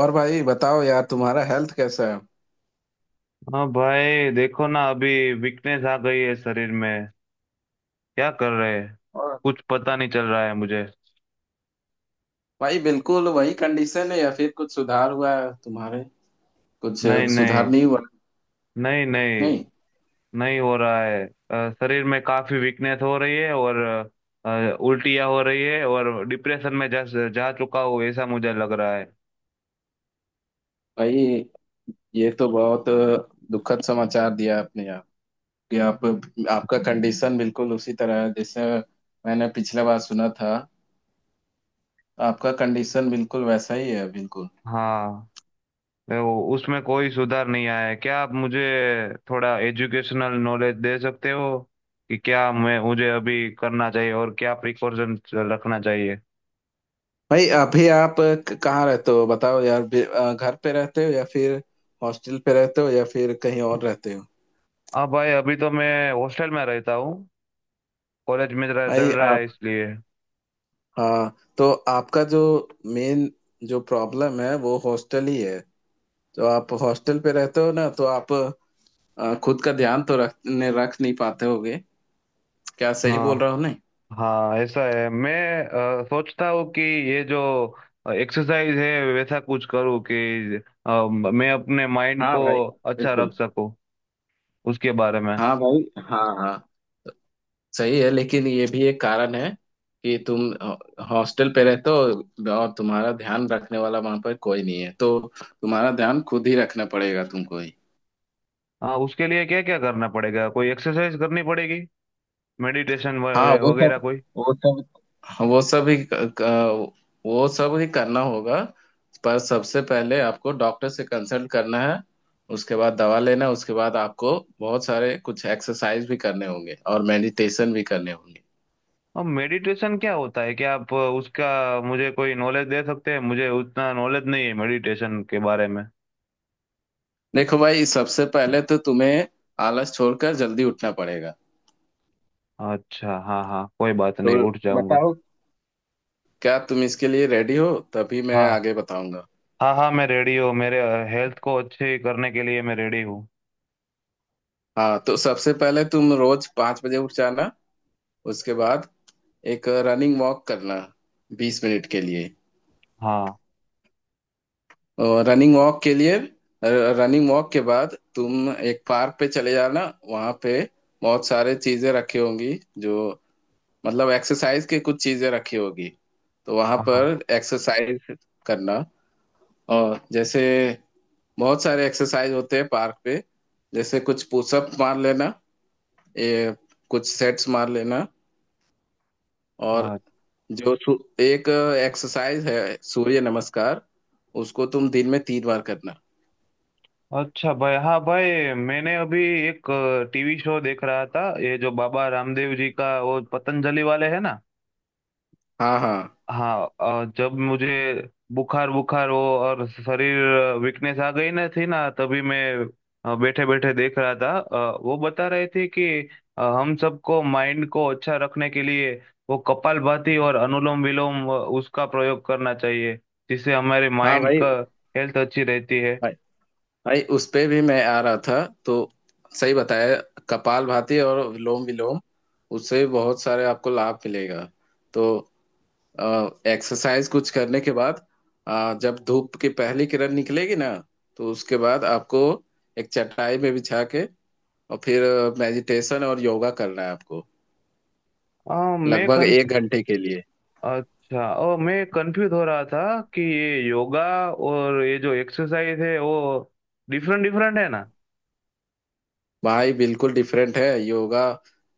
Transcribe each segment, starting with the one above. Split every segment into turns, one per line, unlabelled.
और भाई बताओ यार, तुम्हारा हेल्थ कैसा है?
हाँ भाई, देखो ना, अभी वीकनेस आ गई है शरीर में। क्या कर रहे हैं,
और
कुछ पता नहीं चल रहा है मुझे।
भाई, बिल्कुल वही कंडीशन है या फिर कुछ सुधार हुआ है तुम्हारे? कुछ
नहीं
सुधार
नहीं।
नहीं हुआ?
नहीं नहीं।
नहीं?
नहीं हो रहा है। शरीर में काफी वीकनेस हो रही है, और उल्टियाँ हो रही है, और डिप्रेशन में जा जा चुका हूँ, ऐसा मुझे लग रहा है।
भाई, ये तो बहुत दुखद समाचार दिया आपने यार। कि आप आपका कंडीशन बिल्कुल उसी तरह है जैसे मैंने पिछले बार सुना था। आपका कंडीशन बिल्कुल वैसा ही है, बिल्कुल।
हाँ, उसमें कोई सुधार नहीं आया है। क्या आप मुझे थोड़ा एजुकेशनल नॉलेज दे सकते हो कि क्या मैं मुझे अभी करना चाहिए और क्या प्रिकॉशन रखना चाहिए?
भाई, अभी आप कहाँ रहते हो, बताओ यार? घर पे रहते हो या फिर हॉस्टल पे रहते हो या फिर कहीं और रहते हो?
हाँ भाई, अभी तो मैं हॉस्टल में रहता हूँ, कॉलेज में जरा चल
भाई,
रहा है इसलिए।
हाँ, तो आपका जो मेन जो प्रॉब्लम है वो हॉस्टल ही है। तो आप हॉस्टल पे रहते हो ना, तो आप खुद का ध्यान तो रख नहीं पाते होगे। क्या सही बोल
हाँ
रहा हूँ? नहीं?
हाँ, ऐसा है। मैं सोचता हूँ कि ये जो एक्सरसाइज है वैसा कुछ करूँ कि मैं अपने माइंड
हाँ
को
भाई,
अच्छा रख
बिल्कुल।
सकूँ उसके बारे में।
हाँ भाई। हाँ, हाँ, सही है। लेकिन ये भी एक कारण है कि तुम हॉस्टल पे रहते हो और तुम्हारा ध्यान रखने वाला वहां पर कोई नहीं है, तो तुम्हारा ध्यान खुद ही रखना पड़ेगा, तुमको ही।
हाँ, उसके लिए क्या क्या करना पड़ेगा? कोई एक्सरसाइज करनी पड़ेगी, मेडिटेशन
हाँ,
वगैरह कोई?
वो सब हाँ, क- वो सब ही करना होगा। पर सबसे पहले आपको डॉक्टर से कंसल्ट करना है, उसके बाद दवा लेना है, उसके बाद आपको बहुत सारे कुछ एक्सरसाइज भी करने होंगे और मेडिटेशन भी करने होंगे।
अब मेडिटेशन क्या होता है? क्या आप उसका मुझे कोई नॉलेज दे सकते हैं? मुझे उतना नॉलेज नहीं है मेडिटेशन के बारे में।
देखो भाई, सबसे पहले तो तुम्हें आलस छोड़कर जल्दी उठना पड़ेगा।
अच्छा हाँ हाँ, कोई बात
तो
नहीं, उठ जाऊंगा।
बताओ, क्या तुम इसके लिए रेडी हो? तभी मैं
हाँ
आगे बताऊंगा।
हाँ हाँ, मैं रेडी हूँ। मेरे हेल्थ को अच्छे करने के लिए मैं रेडी हूँ।
हाँ, तो सबसे पहले तुम रोज 5 बजे उठ जाना। उसके बाद एक रनिंग वॉक करना 20 मिनट के लिए।
हाँ।
और रनिंग वॉक के लिए, रनिंग वॉक के बाद तुम एक पार्क पे चले जाना। वहाँ पे बहुत सारे चीजें रखी होंगी, जो, मतलब एक्सरसाइज के कुछ चीजें रखी होगी। तो वहाँ पर
हाँ।
एक्सरसाइज करना। और जैसे बहुत सारे एक्सरसाइज होते हैं पार्क पे, जैसे कुछ पुशअप मार लेना, ये कुछ सेट्स मार लेना, और
हाँ।
जो सु, एक एक्सरसाइज है सूर्य नमस्कार, उसको तुम दिन में 3 बार करना।
अच्छा भाई। हाँ भाई, मैंने अभी एक टीवी शो देख रहा था, ये जो बाबा रामदेव जी का वो पतंजलि वाले है ना।
हाँ, हाँ।
हाँ। जब मुझे बुखार बुखार हो और शरीर वीकनेस आ गई ना थी ना, तभी मैं बैठे बैठे देख रहा था। वो बता रहे थे कि हम सबको माइंड को अच्छा रखने के लिए वो कपालभाति और अनुलोम विलोम उसका प्रयोग करना चाहिए, जिससे हमारे
हाँ
माइंड
भाई,
का हेल्थ अच्छी रहती है।
भाई, भाई, उस पे भी मैं आ रहा था। तो सही बताया, कपाल भाती और विलोम विलोम, उससे बहुत सारे आपको लाभ मिलेगा। तो एक्सरसाइज कुछ करने के बाद, जब धूप की पहली किरण निकलेगी ना, तो उसके बाद आपको एक चटाई में बिछा के और फिर मेडिटेशन और योगा करना है आपको,
अ, मैं
लगभग
कन
एक घंटे के लिए।
अच्छा, ओ, मैं कंफ्यूज हो रहा था कि ये योगा और ये जो एक्सरसाइज है वो डिफरेंट डिफरेंट है ना?
भाई बिल्कुल डिफरेंट है, योगा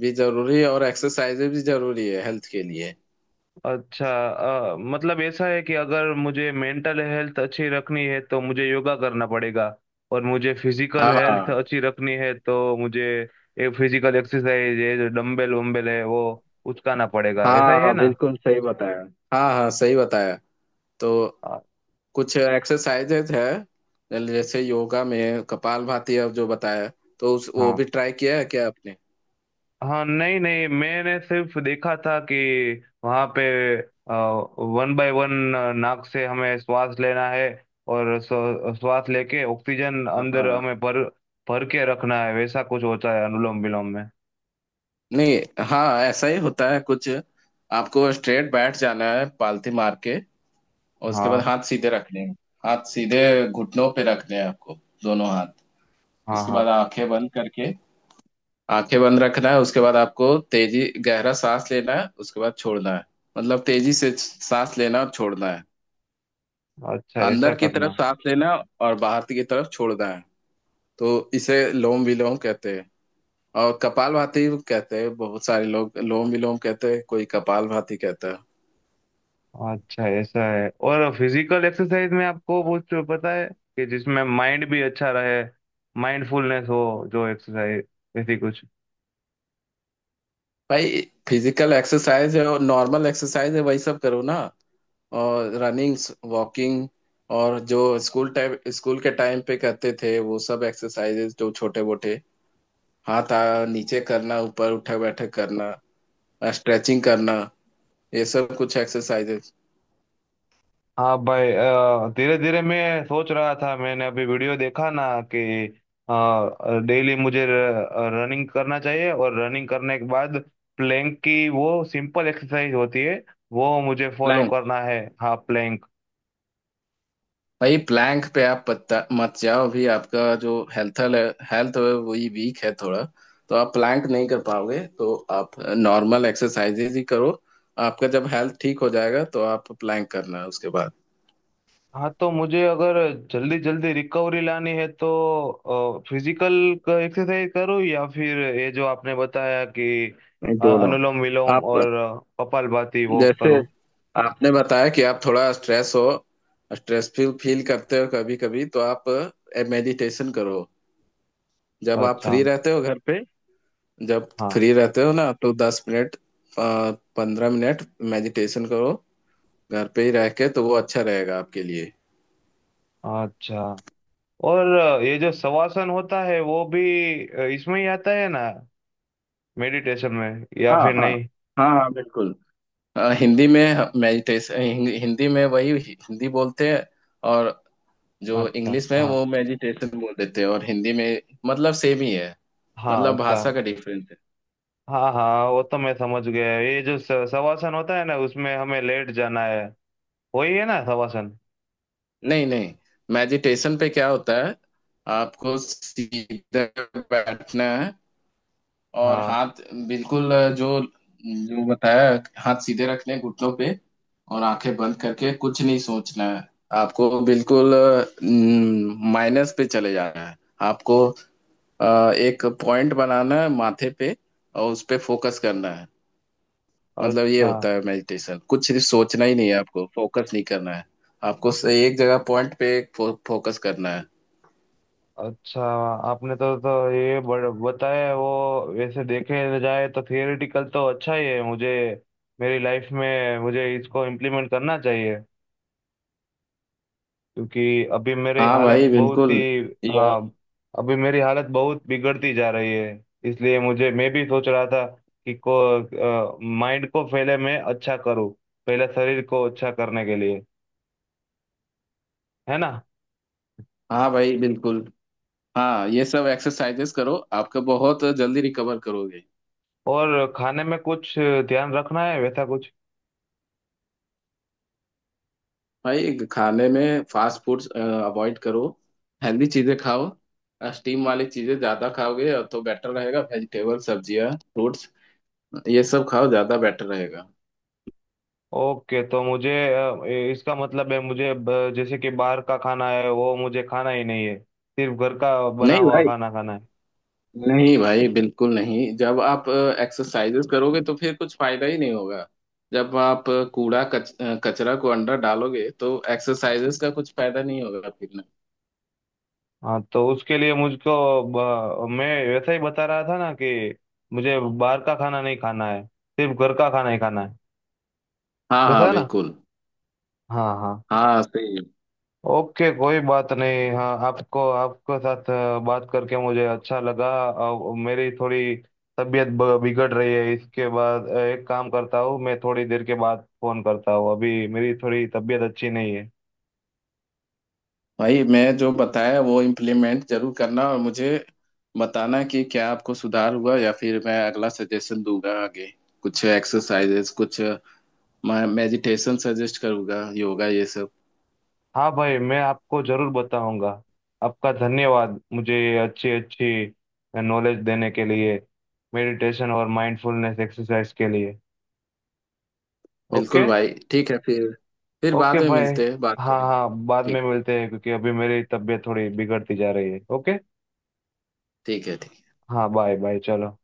भी जरूरी है और एक्सरसाइजेज भी जरूरी है हेल्थ के लिए।
अच्छा। मतलब ऐसा है कि अगर मुझे मेंटल हेल्थ अच्छी रखनी है तो मुझे योगा करना पड़ेगा, और मुझे फिजिकल हेल्थ
हाँ,
अच्छी रखनी है तो मुझे ये फिजिकल एक्सरसाइज, ये जो डम्बल वम्बल है, वो उचकाना पड़ेगा। ऐसा ही है
हाँ,
ना?
बिल्कुल सही बताया। हाँ, हाँ, सही बताया। तो
अ,
कुछ एक्सरसाइजेज है, जैसे योगा में कपालभाति, अब जो बताया, तो उस वो
हाँ
भी ट्राई किया है क्या आपने?
हाँ। नहीं नहीं, मैंने सिर्फ देखा था कि वहाँ पे वन बाय वन नाक से हमें श्वास लेना है, और श्वास लेके ऑक्सीजन
हाँ,
अंदर
हाँ।
हमें भर भर के रखना है, वैसा कुछ होता है अनुलोम विलोम में।
नहीं, हाँ, ऐसा ही होता है कुछ। आपको स्ट्रेट बैठ जाना है पालथी मार के, और उसके बाद
हाँ
हाथ सीधे रखने हैं। हाथ सीधे घुटनों पे रखने हैं आपको, दोनों हाथ।
हाँ।
उसके बाद
हाँ,
आंखें बंद करके आंखें बंद रखना है। उसके बाद आपको तेजी, गहरा सांस लेना है, उसके बाद छोड़ना है। मतलब तेजी से सांस लेना और छोड़ना है।
अच्छा ऐसा
अंदर की
करना
तरफ
है।
सांस लेना और बाहर की तरफ छोड़ना है। तो इसे लोम विलोम कहते हैं और कपालभाति कहते हैं। बहुत सारे लोग लोम विलोम कहते हैं, कोई कपालभाति कहता है।
अच्छा ऐसा है। और फिजिकल एक्सरसाइज में आपको कुछ पता है कि जिसमें माइंड भी अच्छा रहे, माइंडफुलनेस हो, जो एक्सरसाइज, ऐसी कुछ?
भाई, फिजिकल एक्सरसाइज है और नॉर्मल एक्सरसाइज है, वही सब करो ना। और रनिंग, वॉकिंग, और जो स्कूल के टाइम पे करते थे वो सब एक्सरसाइजेज, जो छोटे मोटे, हाथ नीचे करना, ऊपर, उठक बैठक करना, स्ट्रेचिंग करना, ये सब कुछ एक्सरसाइजेस।
हाँ भाई, धीरे धीरे मैं सोच रहा था। मैंने अभी वीडियो देखा ना, कि डेली मुझे रनिंग करना चाहिए, और रनिंग करने के बाद प्लैंक की वो सिंपल एक्सरसाइज होती है, वो मुझे फॉलो
प्लैंक,
करना है। हाँ, प्लैंक।
भाई प्लैंक पे आप पत्ता मत जाओ, भी आपका जो हेल्थ हेल्थ है वही वीक है थोड़ा। तो आप प्लैंक नहीं कर पाओगे, तो आप नॉर्मल एक्सरसाइजेज ही करो। आपका जब हेल्थ ठीक हो जाएगा तो आप प्लैंक करना उसके बाद।
हाँ, तो मुझे अगर जल्दी जल्दी रिकवरी लानी है तो फिजिकल एक्सरसाइज करूँ, या फिर ये जो आपने बताया कि
नहीं, दोनों।
अनुलोम विलोम
आप,
और कपालभाति वो
जैसे
करूँ?
आपने बताया कि आप थोड़ा स्ट्रेस हो, स्ट्रेस फील फील करते हो कभी कभी, तो आप मेडिटेशन करो, जब आप
अच्छा।
फ्री रहते हो घर पे। जब
हाँ।
फ्री रहते हो ना, तो 10 मिनट, 15 मिनट मेडिटेशन करो, घर पे ही रह के, तो वो अच्छा रहेगा आपके लिए।
अच्छा। और ये जो शवासन होता है वो भी इसमें ही आता है ना, मेडिटेशन में, या
हाँ,
फिर
हाँ।
नहीं?
हाँ, हाँ, बिल्कुल। हिंदी में मेडिटेशन, हिंदी में वही हिंदी बोलते हैं, और जो
अच्छा।
इंग्लिश में
हाँ
वो मेडिटेशन बोल देते हैं, और हिंदी में मतलब सेम ही है।
हाँ।
मतलब
अच्छा।
भाषा का डिफरेंस है।
हाँ हाँ, वो तो मैं समझ गया। ये जो शवासन होता है ना, उसमें हमें लेट जाना है, वही है ना शवासन?
नहीं, नहीं, मेडिटेशन पे क्या होता है, आपको सीधा बैठना है और
हाँ।
हाथ, बिल्कुल जो जो बताया, हाथ सीधे रखने हैं घुटनों पे, और आंखें बंद करके कुछ नहीं सोचना है। आपको बिल्कुल माइनस पे चले जाना है। आपको एक पॉइंट बनाना है माथे पे और उस पे फोकस करना है। मतलब ये
अच्छा।
होता है मेडिटेशन, कुछ सिर्फ सोचना ही नहीं है, आपको फोकस नहीं करना है, आपको एक जगह पॉइंट पे फोकस करना है।
अच्छा। आपने तो ये बताया, वो वैसे देखे जाए तो थियोरेटिकल तो अच्छा ही है। मुझे मेरी लाइफ में मुझे इसको इम्प्लीमेंट करना चाहिए, क्योंकि अभी मेरी
हाँ
हालत
भाई
बहुत
बिल्कुल।
ही।
यह
हाँ। अभी मेरी हालत बहुत बिगड़ती जा रही है, इसलिए मुझे, मैं भी सोच रहा था कि को माइंड को पहले मैं अच्छा करूँ, पहले शरीर को अच्छा करने के लिए, है ना?
हाँ भाई बिल्कुल। हाँ, ये सब एक्सरसाइजेस करो, आपका बहुत जल्दी रिकवर करोगे।
और खाने में कुछ ध्यान रखना है, वैसा कुछ?
भाई खाने में फास्ट फूड्स अवॉइड करो, हेल्दी चीजें खाओ। स्टीम वाली चीजें ज्यादा खाओगे तो बेटर रहेगा, वेजिटेबल, सब्जियां, फ्रूट्स, ये सब खाओ, ज्यादा बेटर रहेगा।
ओके, तो मुझे इसका मतलब है मुझे जैसे कि बाहर का खाना है वो मुझे खाना ही नहीं है, सिर्फ घर का बना
नहीं
हुआ
भाई,
खाना खाना है?
नहीं भाई, बिल्कुल नहीं। जब आप एक्सरसाइजेस करोगे तो फिर कुछ फायदा ही नहीं होगा, जब आप कूड़ा कचरा को अंदर डालोगे तो एक्सरसाइजेस का कुछ फायदा नहीं होगा फिर ना।
हाँ, तो उसके लिए मुझको मैं वैसा ही बता रहा था ना कि मुझे बाहर का खाना नहीं खाना है, सिर्फ घर का खाना ही खाना है।
हाँ,
वैसा
हाँ,
है ना?
बिल्कुल।
हाँ हाँ।
हाँ, सही।
ओके, कोई बात नहीं। हाँ, आपको, आपके साथ बात करके मुझे अच्छा लगा। मेरी थोड़ी तबीयत बिगड़ रही है। इसके बाद एक काम करता हूँ, मैं थोड़ी देर के बाद फोन करता हूँ, अभी मेरी थोड़ी तबीयत अच्छी नहीं है।
भाई, मैं जो बताया वो इम्प्लीमेंट जरूर करना, और मुझे बताना कि क्या आपको सुधार हुआ, या फिर मैं अगला सजेशन दूंगा आगे, कुछ एक्सरसाइजेस, कुछ मेडिटेशन सजेस्ट करूंगा, योगा, ये सब।
हाँ भाई, मैं आपको जरूर बताऊंगा। आपका धन्यवाद, मुझे अच्छी अच्छी नॉलेज देने के लिए, मेडिटेशन और माइंडफुलनेस एक्सरसाइज के लिए। ओके।
बिल्कुल भाई, ठीक है फिर
ओके
बाद में
भाई।
मिलते हैं, बात
हाँ
करेंगे।
हाँ, बाद में
ठीक है।
मिलते हैं, क्योंकि अभी मेरी तबीयत थोड़ी बिगड़ती जा रही है। ओके।
ठीक है। ठीक।
हाँ, बाय बाय, चलो।